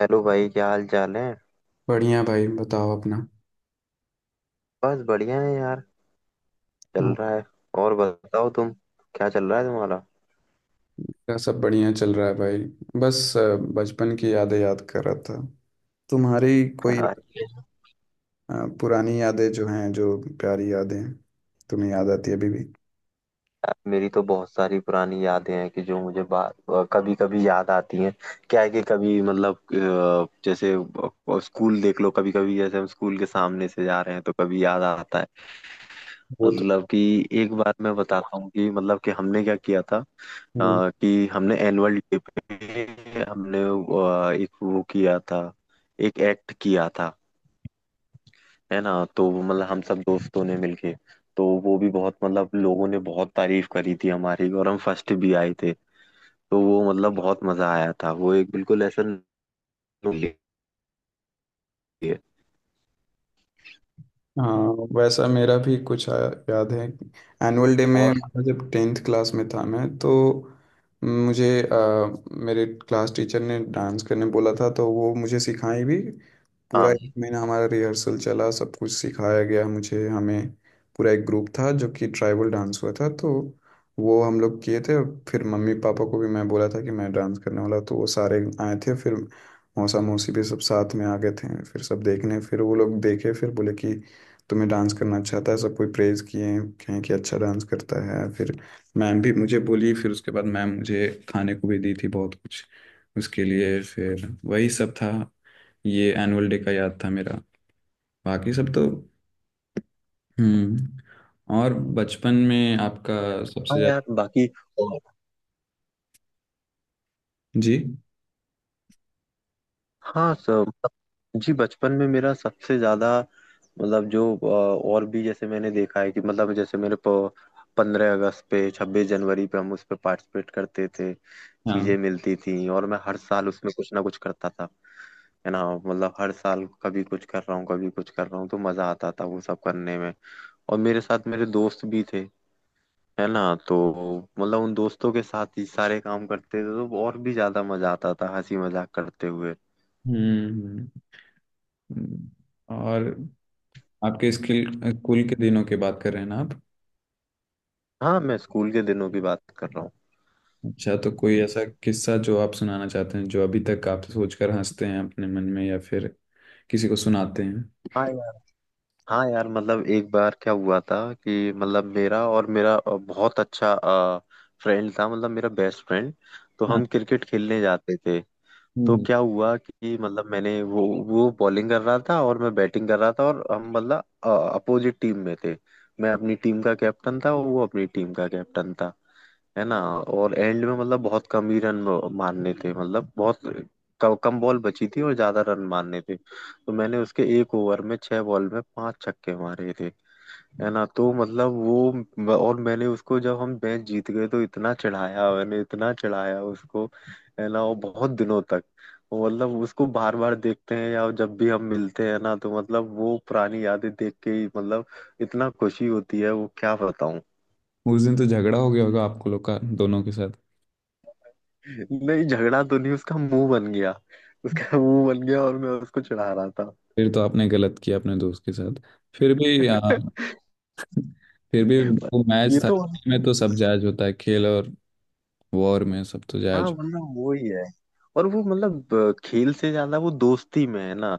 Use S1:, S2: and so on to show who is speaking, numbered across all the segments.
S1: Hello भाई, क्या हाल चाल है।
S2: बढ़िया भाई, बताओ अपना।
S1: बस बढ़िया है यार। चल
S2: हाँ,
S1: रहा है। और बताओ तुम, क्या चल रहा है तुम्हारा।
S2: मेरा सब बढ़िया चल रहा है भाई। बस बचपन की यादें याद कर रहा था। तुम्हारी कोई
S1: हाँ।
S2: अ, पुरानी यादें जो हैं जो प्यारी यादें, तुम्हें याद आती है अभी भी?
S1: यार, मेरी तो बहुत सारी पुरानी यादें हैं कि जो मुझे कभी कभी याद आती हैं। क्या है कि कभी मतलब जैसे स्कूल देख लो, कभी कभी जैसे हम स्कूल के सामने से जा रहे हैं तो कभी याद आता है।
S2: वो तो।
S1: मतलब कि एक बार मैं बताता हूँ कि मतलब कि हमने क्या किया था।
S2: हम्म,
S1: कि हमने एनुअल डे पे हमने एक वो किया था। एक एक्ट किया था। है ना, तो वो मतलब हम सब दोस्तों ने मिलके, तो वो भी बहुत मतलब लोगों ने बहुत तारीफ करी थी हमारी, और हम फर्स्ट भी आए थे। तो वो मतलब बहुत मजा आया था, वो एक बिल्कुल ऐसा नोट है।
S2: हाँ। वैसा मेरा भी याद है। एनुअल डे में
S1: और।
S2: जब 10th क्लास में था मैं, तो मुझे मेरे क्लास टीचर ने डांस करने बोला था, तो वो मुझे सिखाई भी। पूरा
S1: हाँ।
S2: एक महीना हमारा रिहर्सल चला, सब कुछ सिखाया गया मुझे हमें। पूरा एक ग्रुप था जो कि ट्राइबल डांस हुआ था, तो वो हम लोग किए थे। फिर मम्मी पापा को भी मैं बोला था कि मैं डांस करने वाला, तो वो सारे आए थे। फिर मौसा मौसी भी सब साथ में आ गए थे फिर, सब देखने। फिर वो लोग देखे, फिर बोले कि तुम्हें डांस करना अच्छा आता है, सब कोई प्रेज़ किए। कहें कि अच्छा डांस करता है। फिर मैम भी मुझे बोली, फिर उसके बाद मैम मुझे खाने को भी दी थी बहुत कुछ उसके लिए, फिर वही सब था। ये एनुअल डे का याद था मेरा। बाकी सब तो। हम्म। और बचपन में आपका सबसे
S1: हाँ
S2: ज्यादा?
S1: यार, बाकी। और।
S2: जी।
S1: हाँ सब। जी, बचपन में मेरा सबसे ज्यादा, मतलब जो और भी जैसे मैंने देखा है कि मतलब जैसे मेरे 15 अगस्त पे, 26 जनवरी पे, हम उस पे पार्टिसिपेट करते थे।
S2: हाँ।
S1: चीजें मिलती थी, और मैं हर साल उसमें कुछ ना कुछ करता था। है ना, मतलब हर साल कभी कुछ कर रहा हूँ, कभी कुछ कर रहा हूँ, तो मजा आता था वो सब करने में। और मेरे साथ मेरे दोस्त भी थे। है ना। तो मतलब उन दोस्तों के साथ ही सारे काम करते थे, तो और भी ज्यादा मजा आता था हंसी मजाक करते हुए।
S2: हम्म हम्म। और आपके स्किल स्कूल के दिनों की बात कर रहे हैं ना आप?
S1: हाँ, मैं स्कूल के दिनों की बात कर रहा हूँ।
S2: अच्छा, तो कोई ऐसा किस्सा जो आप सुनाना चाहते हैं, जो अभी तक आप सोचकर हंसते हैं अपने मन में या फिर किसी को सुनाते हैं?
S1: हाँ यार। हाँ यार, मतलब एक बार क्या हुआ था कि मतलब मेरा और मेरा बहुत अच्छा फ्रेंड था, मतलब मेरा बेस्ट फ्रेंड। तो
S2: हाँ।
S1: हम क्रिकेट खेलने जाते थे।
S2: हम्म
S1: तो
S2: हम्म।
S1: क्या हुआ कि मतलब मैंने, वो बॉलिंग कर रहा था और मैं बैटिंग कर रहा था, और हम मतलब अपोजिट टीम में थे। मैं अपनी टीम का कैप्टन था और वो अपनी टीम का कैप्टन था। है ना, और एंड में मतलब बहुत कम ही रन मारने थे, मतलब बहुत कम बॉल बची थी और ज्यादा रन मारने थे, तो मैंने उसके एक ओवर में 6 बॉल में 5 छक्के मारे थे। है ना, तो मतलब वो और मैंने उसको, जब हम मैच जीत गए तो इतना चढ़ाया, मैंने इतना चढ़ाया उसको। है ना, और बहुत दिनों तक वो, मतलब उसको बार बार देखते हैं, या जब भी हम मिलते हैं ना, तो मतलब वो पुरानी यादें देख के ही मतलब इतना खुशी होती है, वो क्या बताऊं।
S2: उस दिन तो झगड़ा हो गया होगा आपको लोग का दोनों के साथ।
S1: नहीं, झगड़ा तो नहीं। उसका मुंह बन गया। उसका मुंह बन गया और मैं उसको चढ़ा रहा था।
S2: फिर तो आपने गलत किया अपने दोस्त के साथ। फिर भी आ, फिर भी वो मैच
S1: ये
S2: था,
S1: तो।
S2: में तो सब जायज होता है, खेल और वॉर में सब तो
S1: हाँ,
S2: जायज।
S1: मतलब वही है। और वो मतलब खेल से ज्यादा वो दोस्ती में है ना।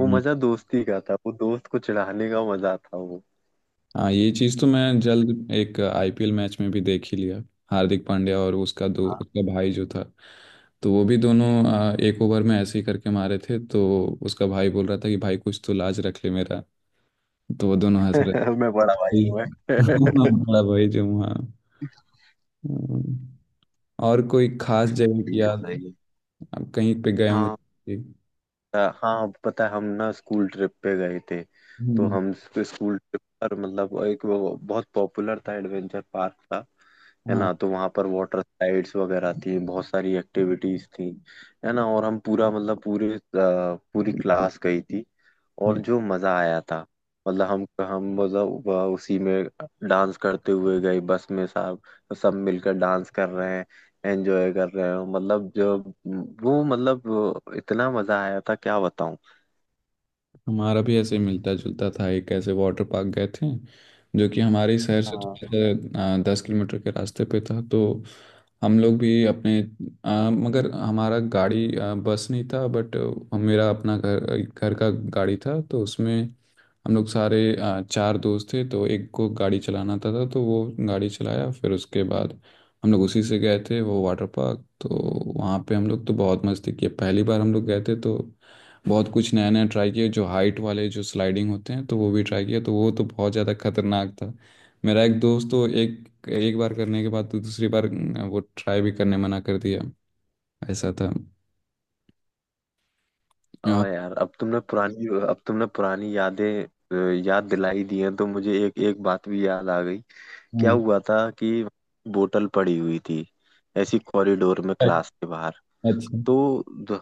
S1: वो मजा दोस्ती का था, वो दोस्त को चिढ़ाने का मजा था वो।
S2: हाँ, ये चीज़ तो मैं जल्द एक आईपीएल मैच में भी देख ही लिया। हार्दिक पांड्या और उसका दो उसका भाई जो था, तो वो भी दोनों एक ओवर में ऐसे ही करके मारे थे। तो उसका भाई बोल रहा था कि भाई कुछ तो लाज रख ले मेरा। तो वो दोनों हंस रहे
S1: मैं बड़ा भाई
S2: थे।
S1: हूँ मैं।
S2: बड़ा भाई जो वहाँ। हम्म। और कोई खास जगह की
S1: सही है,
S2: याद?
S1: सही है।
S2: आप कहीं पे गए हो?
S1: हाँ, हाँ पता है, हम ना स्कूल ट्रिप पे गए थे। तो
S2: हम्म।
S1: हम स्कूल ट्रिप पर, मतलब एक वो बहुत पॉपुलर था, एडवेंचर पार्क था। है
S2: हाँ,
S1: ना, तो वहां पर वाटर स्लाइड्स वगैरह थी, बहुत सारी एक्टिविटीज थी। है ना, और हम पूरा, मतलब पूरे पूरी क्लास गई थी। और जो मजा आया था, मतलब हम मतलब वह उसी में डांस करते हुए गए, बस में सब, सब मिलकर डांस कर रहे हैं, एंजॉय कर रहे हैं, मतलब जो वो मतलब इतना मजा आया था, क्या बताऊं।
S2: हमारा भी ऐसे ही मिलता जुलता था। एक ऐसे वाटर पार्क गए थे जो कि हमारे शहर से
S1: हाँ
S2: थोड़ा सा 10 किलोमीटर के रास्ते पे था, तो हम लोग भी अपने, मगर हमारा गाड़ी, बस नहीं था, बट मेरा अपना घर घर का गाड़ी था, तो उसमें हम लोग सारे चार दोस्त थे, तो एक को गाड़ी चलाना आता था तो वो गाड़ी चलाया। फिर उसके बाद हम लोग उसी से गए थे वो वाटर पार्क। तो वहाँ पे हम लोग तो बहुत मस्ती की, पहली बार हम लोग गए थे तो बहुत कुछ नया नया ट्राई किया। जो हाइट वाले जो स्लाइडिंग होते हैं, तो वो भी ट्राई किया, तो वो तो बहुत ज़्यादा खतरनाक था। मेरा एक दोस्त तो एक एक बार करने के बाद तो दूसरी बार वो ट्राई भी करने मना कर दिया, ऐसा था। हाँ
S1: हाँ यार, अब तुमने पुरानी यादें याद दिलाई दी हैं, तो मुझे एक एक बात भी याद आ गई। क्या
S2: हाँ।
S1: हुआ था कि बोतल पड़ी हुई थी, ऐसी कॉरिडोर में, क्लास के बाहर।
S2: अच्छा।
S1: तो द-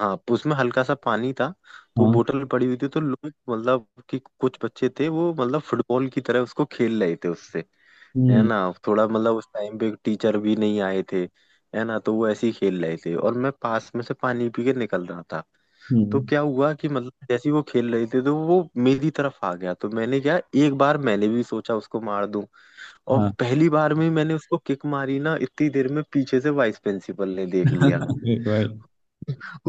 S1: हाँ, तो उसमें हल्का सा पानी था। तो
S2: हाँ।
S1: बोतल पड़ी हुई थी, तो लोग मतलब कि कुछ बच्चे थे, वो मतलब फुटबॉल की तरह उसको खेल रहे थे उससे। है
S2: हम्म,
S1: ना, थोड़ा मतलब उस टाइम पे टीचर भी नहीं आए थे। है ना, तो वो ऐसे ही खेल रहे थे, और मैं पास में से पानी पी के निकल रहा था। तो
S2: हम्म।
S1: क्या हुआ कि मतलब जैसे ही वो खेल रहे थे, तो वो मेरी तरफ आ गया, तो मैंने क्या, एक बार मैंने भी सोचा उसको मार दूं। और
S2: हाँ।
S1: पहली बार में ही मैंने उसको किक मारी ना, इतनी देर में पीछे से वाइस प्रिंसिपल ने देख लिया।
S2: अरे भाई!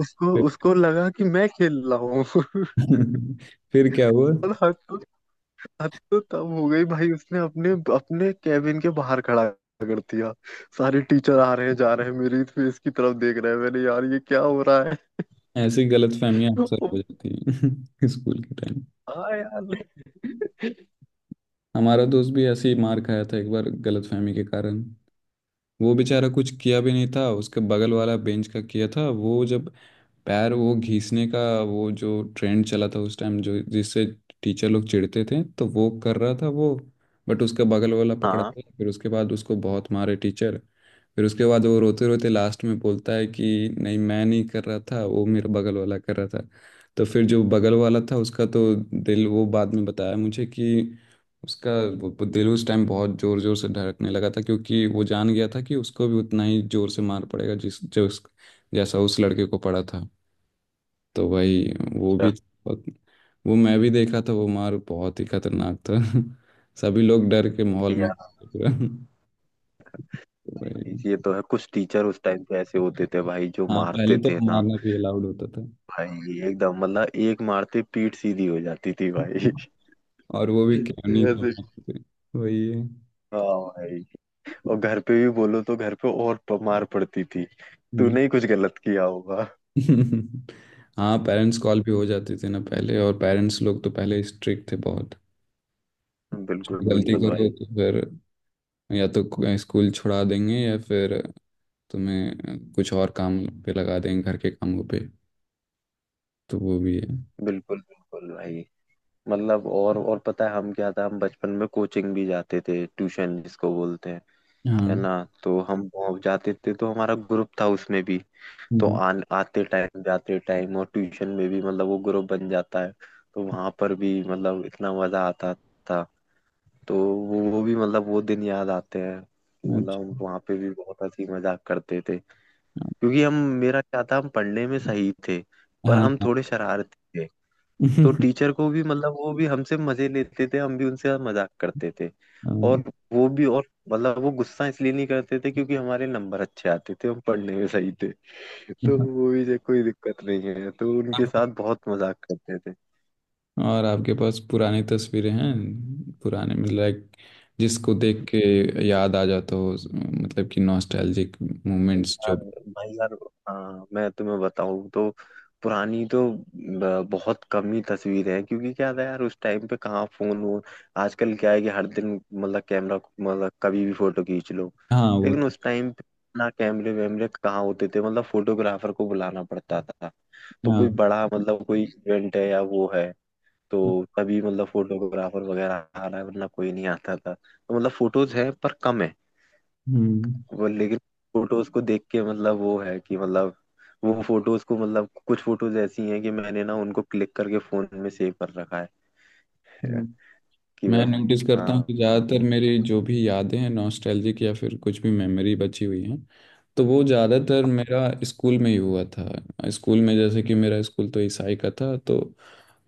S1: उसको उसको लगा कि मैं खेल रहा हूँ।
S2: फिर क्या हुआ?
S1: और हद तो तब हो गई भाई, उसने अपने अपने कैबिन के बाहर खड़ा कर दिया। सारे टीचर आ रहे हैं, जा रहे हैं, मेरी फेस की तरफ देख रहे हैं, मैंने यार, ये क्या हो रहा है।
S2: ऐसी गलतफहमियां अक्सर हो जाती हैं स्कूल के टाइम।
S1: हाँ यार।
S2: हमारा दोस्त भी ऐसे ही मार खाया था एक बार गलतफहमी के कारण। वो बेचारा कुछ किया भी नहीं था, उसके बगल वाला बेंच का किया था वो, जब पैर वो घिसने का, वो जो ट्रेंड चला था उस टाइम, जो जिससे टीचर लोग चिढ़ते थे, तो वो कर रहा था वो, बट उसका बगल वाला पकड़ा
S1: हाँ।
S2: गया। फिर उसके बाद उसको बहुत मारे टीचर। फिर उसके बाद वो रोते रोते लास्ट में बोलता है कि नहीं, मैं नहीं कर रहा था, वो मेरा बगल वाला कर रहा था। तो फिर जो बगल वाला था उसका तो दिल, वो बाद में बताया मुझे कि उसका वो दिल उस टाइम बहुत जोर जोर से धड़कने लगा था, क्योंकि वो जान गया था कि उसको भी उतना ही जोर से मार पड़ेगा, जिस जो उस, जैसा उस लड़के को पड़ा था। तो भाई, वो भी
S1: अच्छा।
S2: बहुत, वो मैं भी देखा था, वो मार बहुत ही खतरनाक था। सभी लोग डर के माहौल में
S1: यार,
S2: पूरा। तो भाई।
S1: ये तो है, कुछ टीचर उस टाइम पे ऐसे होते थे भाई, जो
S2: हाँ, पहले
S1: मारते
S2: तो
S1: थे ना।
S2: मारना भी अलाउड होता था।
S1: भाई एकदम, मतलब एक मारते पीठ सीधी हो जाती थी भाई।
S2: और वो भी खिलौनी तो
S1: ऐसे।
S2: मारते थे। वही है।
S1: हाँ भाई। और घर पे भी बोलो तो घर पे और मार पड़ती थी।
S2: हम्म।
S1: तूने ही कुछ गलत किया होगा।
S2: हाँ, पेरेंट्स कॉल भी हो जाते थे ना पहले, और पेरेंट्स लोग तो पहले स्ट्रिक्ट थे बहुत।
S1: बिल्कुल
S2: गलती
S1: बिल्कुल
S2: करो
S1: भाई।
S2: तो फिर या तो स्कूल छुड़ा देंगे या फिर तुम्हें कुछ और काम पे लगा देंगे घर के कामों पे। तो वो भी है।
S1: बिल्कुल बिल्कुल भाई। मतलब और पता है हम, क्या था, हम बचपन में कोचिंग भी जाते थे, ट्यूशन जिसको बोलते हैं। है
S2: हाँ।
S1: ना, तो हम वहाँ जाते थे, तो हमारा ग्रुप था उसमें भी। तो
S2: हम्म।
S1: आन आते टाइम जाते टाइम, और ट्यूशन में भी, मतलब वो ग्रुप बन जाता है। तो वहां पर भी मतलब इतना मजा आता था। तो वो भी मतलब वो दिन याद आते हैं कि मतलब हम
S2: अच्छा।
S1: वहाँ पे भी बहुत हंसी मजाक करते थे। क्योंकि हम, मेरा क्या था, हम पढ़ने में सही थे, पर
S2: हाँ
S1: हम
S2: हाँ।
S1: थोड़े शरारती थे। तो टीचर को भी मतलब वो भी हमसे मजे लेते थे, हम भी उनसे मजाक करते थे।
S2: हाँ।
S1: और वो भी, और मतलब वो गुस्सा इसलिए नहीं करते थे, क्योंकि हमारे नंबर अच्छे आते थे, हम पढ़ने में सही थे। तो वो भी, जो कोई दिक्कत नहीं है, तो उनके
S2: आपको-
S1: साथ बहुत मजाक करते थे।
S2: और आपके पास पुरानी तस्वीरें हैं? पुराने मतलब लाइक, जिसको देख के याद आ जाता हो मतलब कि नॉस्टैल्जिक
S1: भाई
S2: मोमेंट्स जो।
S1: यार, भाई यार। हाँ, मैं तुम्हें बताऊँ तो पुरानी तो बहुत कम ही तस्वीर है, क्योंकि क्या था यार, उस टाइम पे कहाँ फोन वोन। आजकल क्या है कि हर दिन मतलब कैमरा, मतलब कभी भी फोटो खींच लो।
S2: हाँ, वो
S1: लेकिन
S2: तो।
S1: उस टाइम पे ना कैमरे वैमरे कहाँ होते थे, मतलब फोटोग्राफर को बुलाना पड़ता था। तो
S2: हाँ।
S1: कोई बड़ा, मतलब कोई इवेंट है या वो है, तो तभी मतलब फोटोग्राफर वगैरह आ रहा है, वरना कोई नहीं आता था। तो मतलब फोटोज है पर कम है।
S2: हम्म
S1: वो लेकिन फोटोज को देख के मतलब वो है कि मतलब वो फोटोज को, मतलब कुछ फोटोज ऐसी हैं कि मैंने ना उनको क्लिक करके फोन में सेव कर रखा है
S2: हम्म।
S1: कि
S2: मैं
S1: बस।
S2: नोटिस करता हूँ
S1: हाँ
S2: कि
S1: हाँ
S2: ज़्यादातर मेरी जो भी यादें हैं नॉस्टैल्जिक या फिर कुछ भी मेमोरी बची हुई है, तो वो ज़्यादातर मेरा स्कूल में ही हुआ था। स्कूल में जैसे कि मेरा स्कूल तो ईसाई का था, तो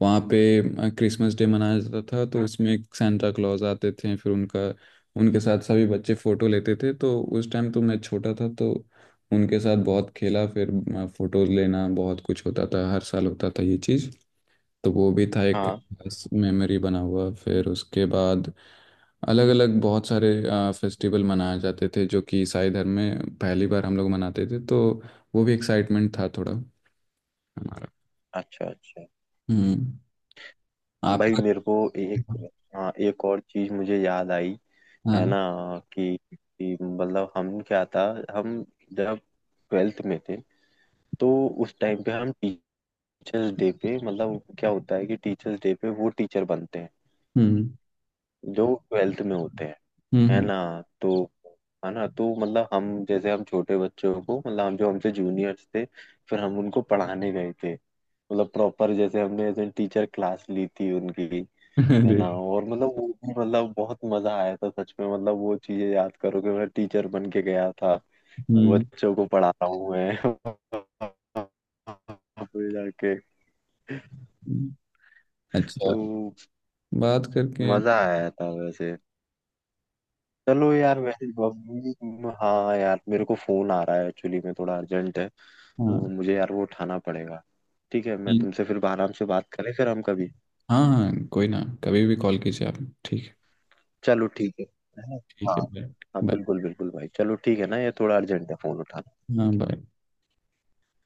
S2: वहाँ पे क्रिसमस डे मनाया जाता था। तो उसमें एक सांता क्लॉज आते थे, फिर उनका उनके साथ सभी बच्चे फ़ोटो लेते थे। तो उस टाइम तो मैं छोटा था, तो उनके साथ बहुत खेला। फिर फ़ोटोज़ लेना बहुत कुछ होता था, हर साल होता था ये चीज़। तो वो भी था एक
S1: हाँ।
S2: मेमोरी बना हुआ। फिर उसके बाद अलग अलग बहुत सारे फेस्टिवल मनाए जाते थे जो कि ईसाई धर्म में पहली बार हम लोग मनाते थे, तो वो भी एक्साइटमेंट था थोड़ा हमारा।
S1: अच्छा अच्छा।
S2: हम्म।
S1: भाई
S2: आपका?
S1: मेरे को एक, हाँ, एक और चीज मुझे याद आई। है
S2: हाँ।
S1: ना, कि मतलब हम क्या था, हम जब ट्वेल्थ में थे, तो उस टाइम पे हम टीचर्स डे पे, मतलब क्या होता है कि टीचर्स डे पे वो टीचर बनते हैं
S2: हम्म
S1: जो ट्वेल्थ में होते हैं।
S2: हम्म।
S1: है
S2: हम्म।
S1: ना। तो तो मतलब हम, जैसे हम छोटे बच्चों को, मतलब हम जो हमसे जूनियर्स थे, फिर हम उनको पढ़ाने गए थे, मतलब प्रॉपर जैसे हमने ऐसे टीचर क्लास ली थी उनकी। है
S2: अरे।
S1: ना, और मतलब वो भी मतलब बहुत मजा आया था, सच में मतलब वो चीजें याद करो कि मैं टीचर बन के गया था,
S2: हम्म
S1: बच्चों को पढ़ा रहा हूँ मैं। फिर जाके
S2: हम्म। अच्छा।
S1: तो
S2: बात करके।
S1: मजा आया था वैसे। चलो यार, वैसे बबली, हाँ यार, मेरे को फोन आ रहा है, एक्चुअली में थोड़ा अर्जेंट है, तो
S2: हाँ।
S1: मुझे यार वो उठाना पड़ेगा। ठीक है, मैं
S2: ठीक।
S1: तुमसे फिर आराम से बात करें फिर हम कभी।
S2: हाँ हाँ, कोई ना, कभी भी कॉल कीजिए आप। ठीक है।
S1: चलो ठीक है ना?
S2: ठीक
S1: हाँ।
S2: है, बाय।
S1: हाँ
S2: बाय।
S1: बिल्कुल बिल्कुल भाई, चलो ठीक है ना, ये थोड़ा अर्जेंट है, फोन
S2: हाँ,
S1: उठाना।
S2: बाय।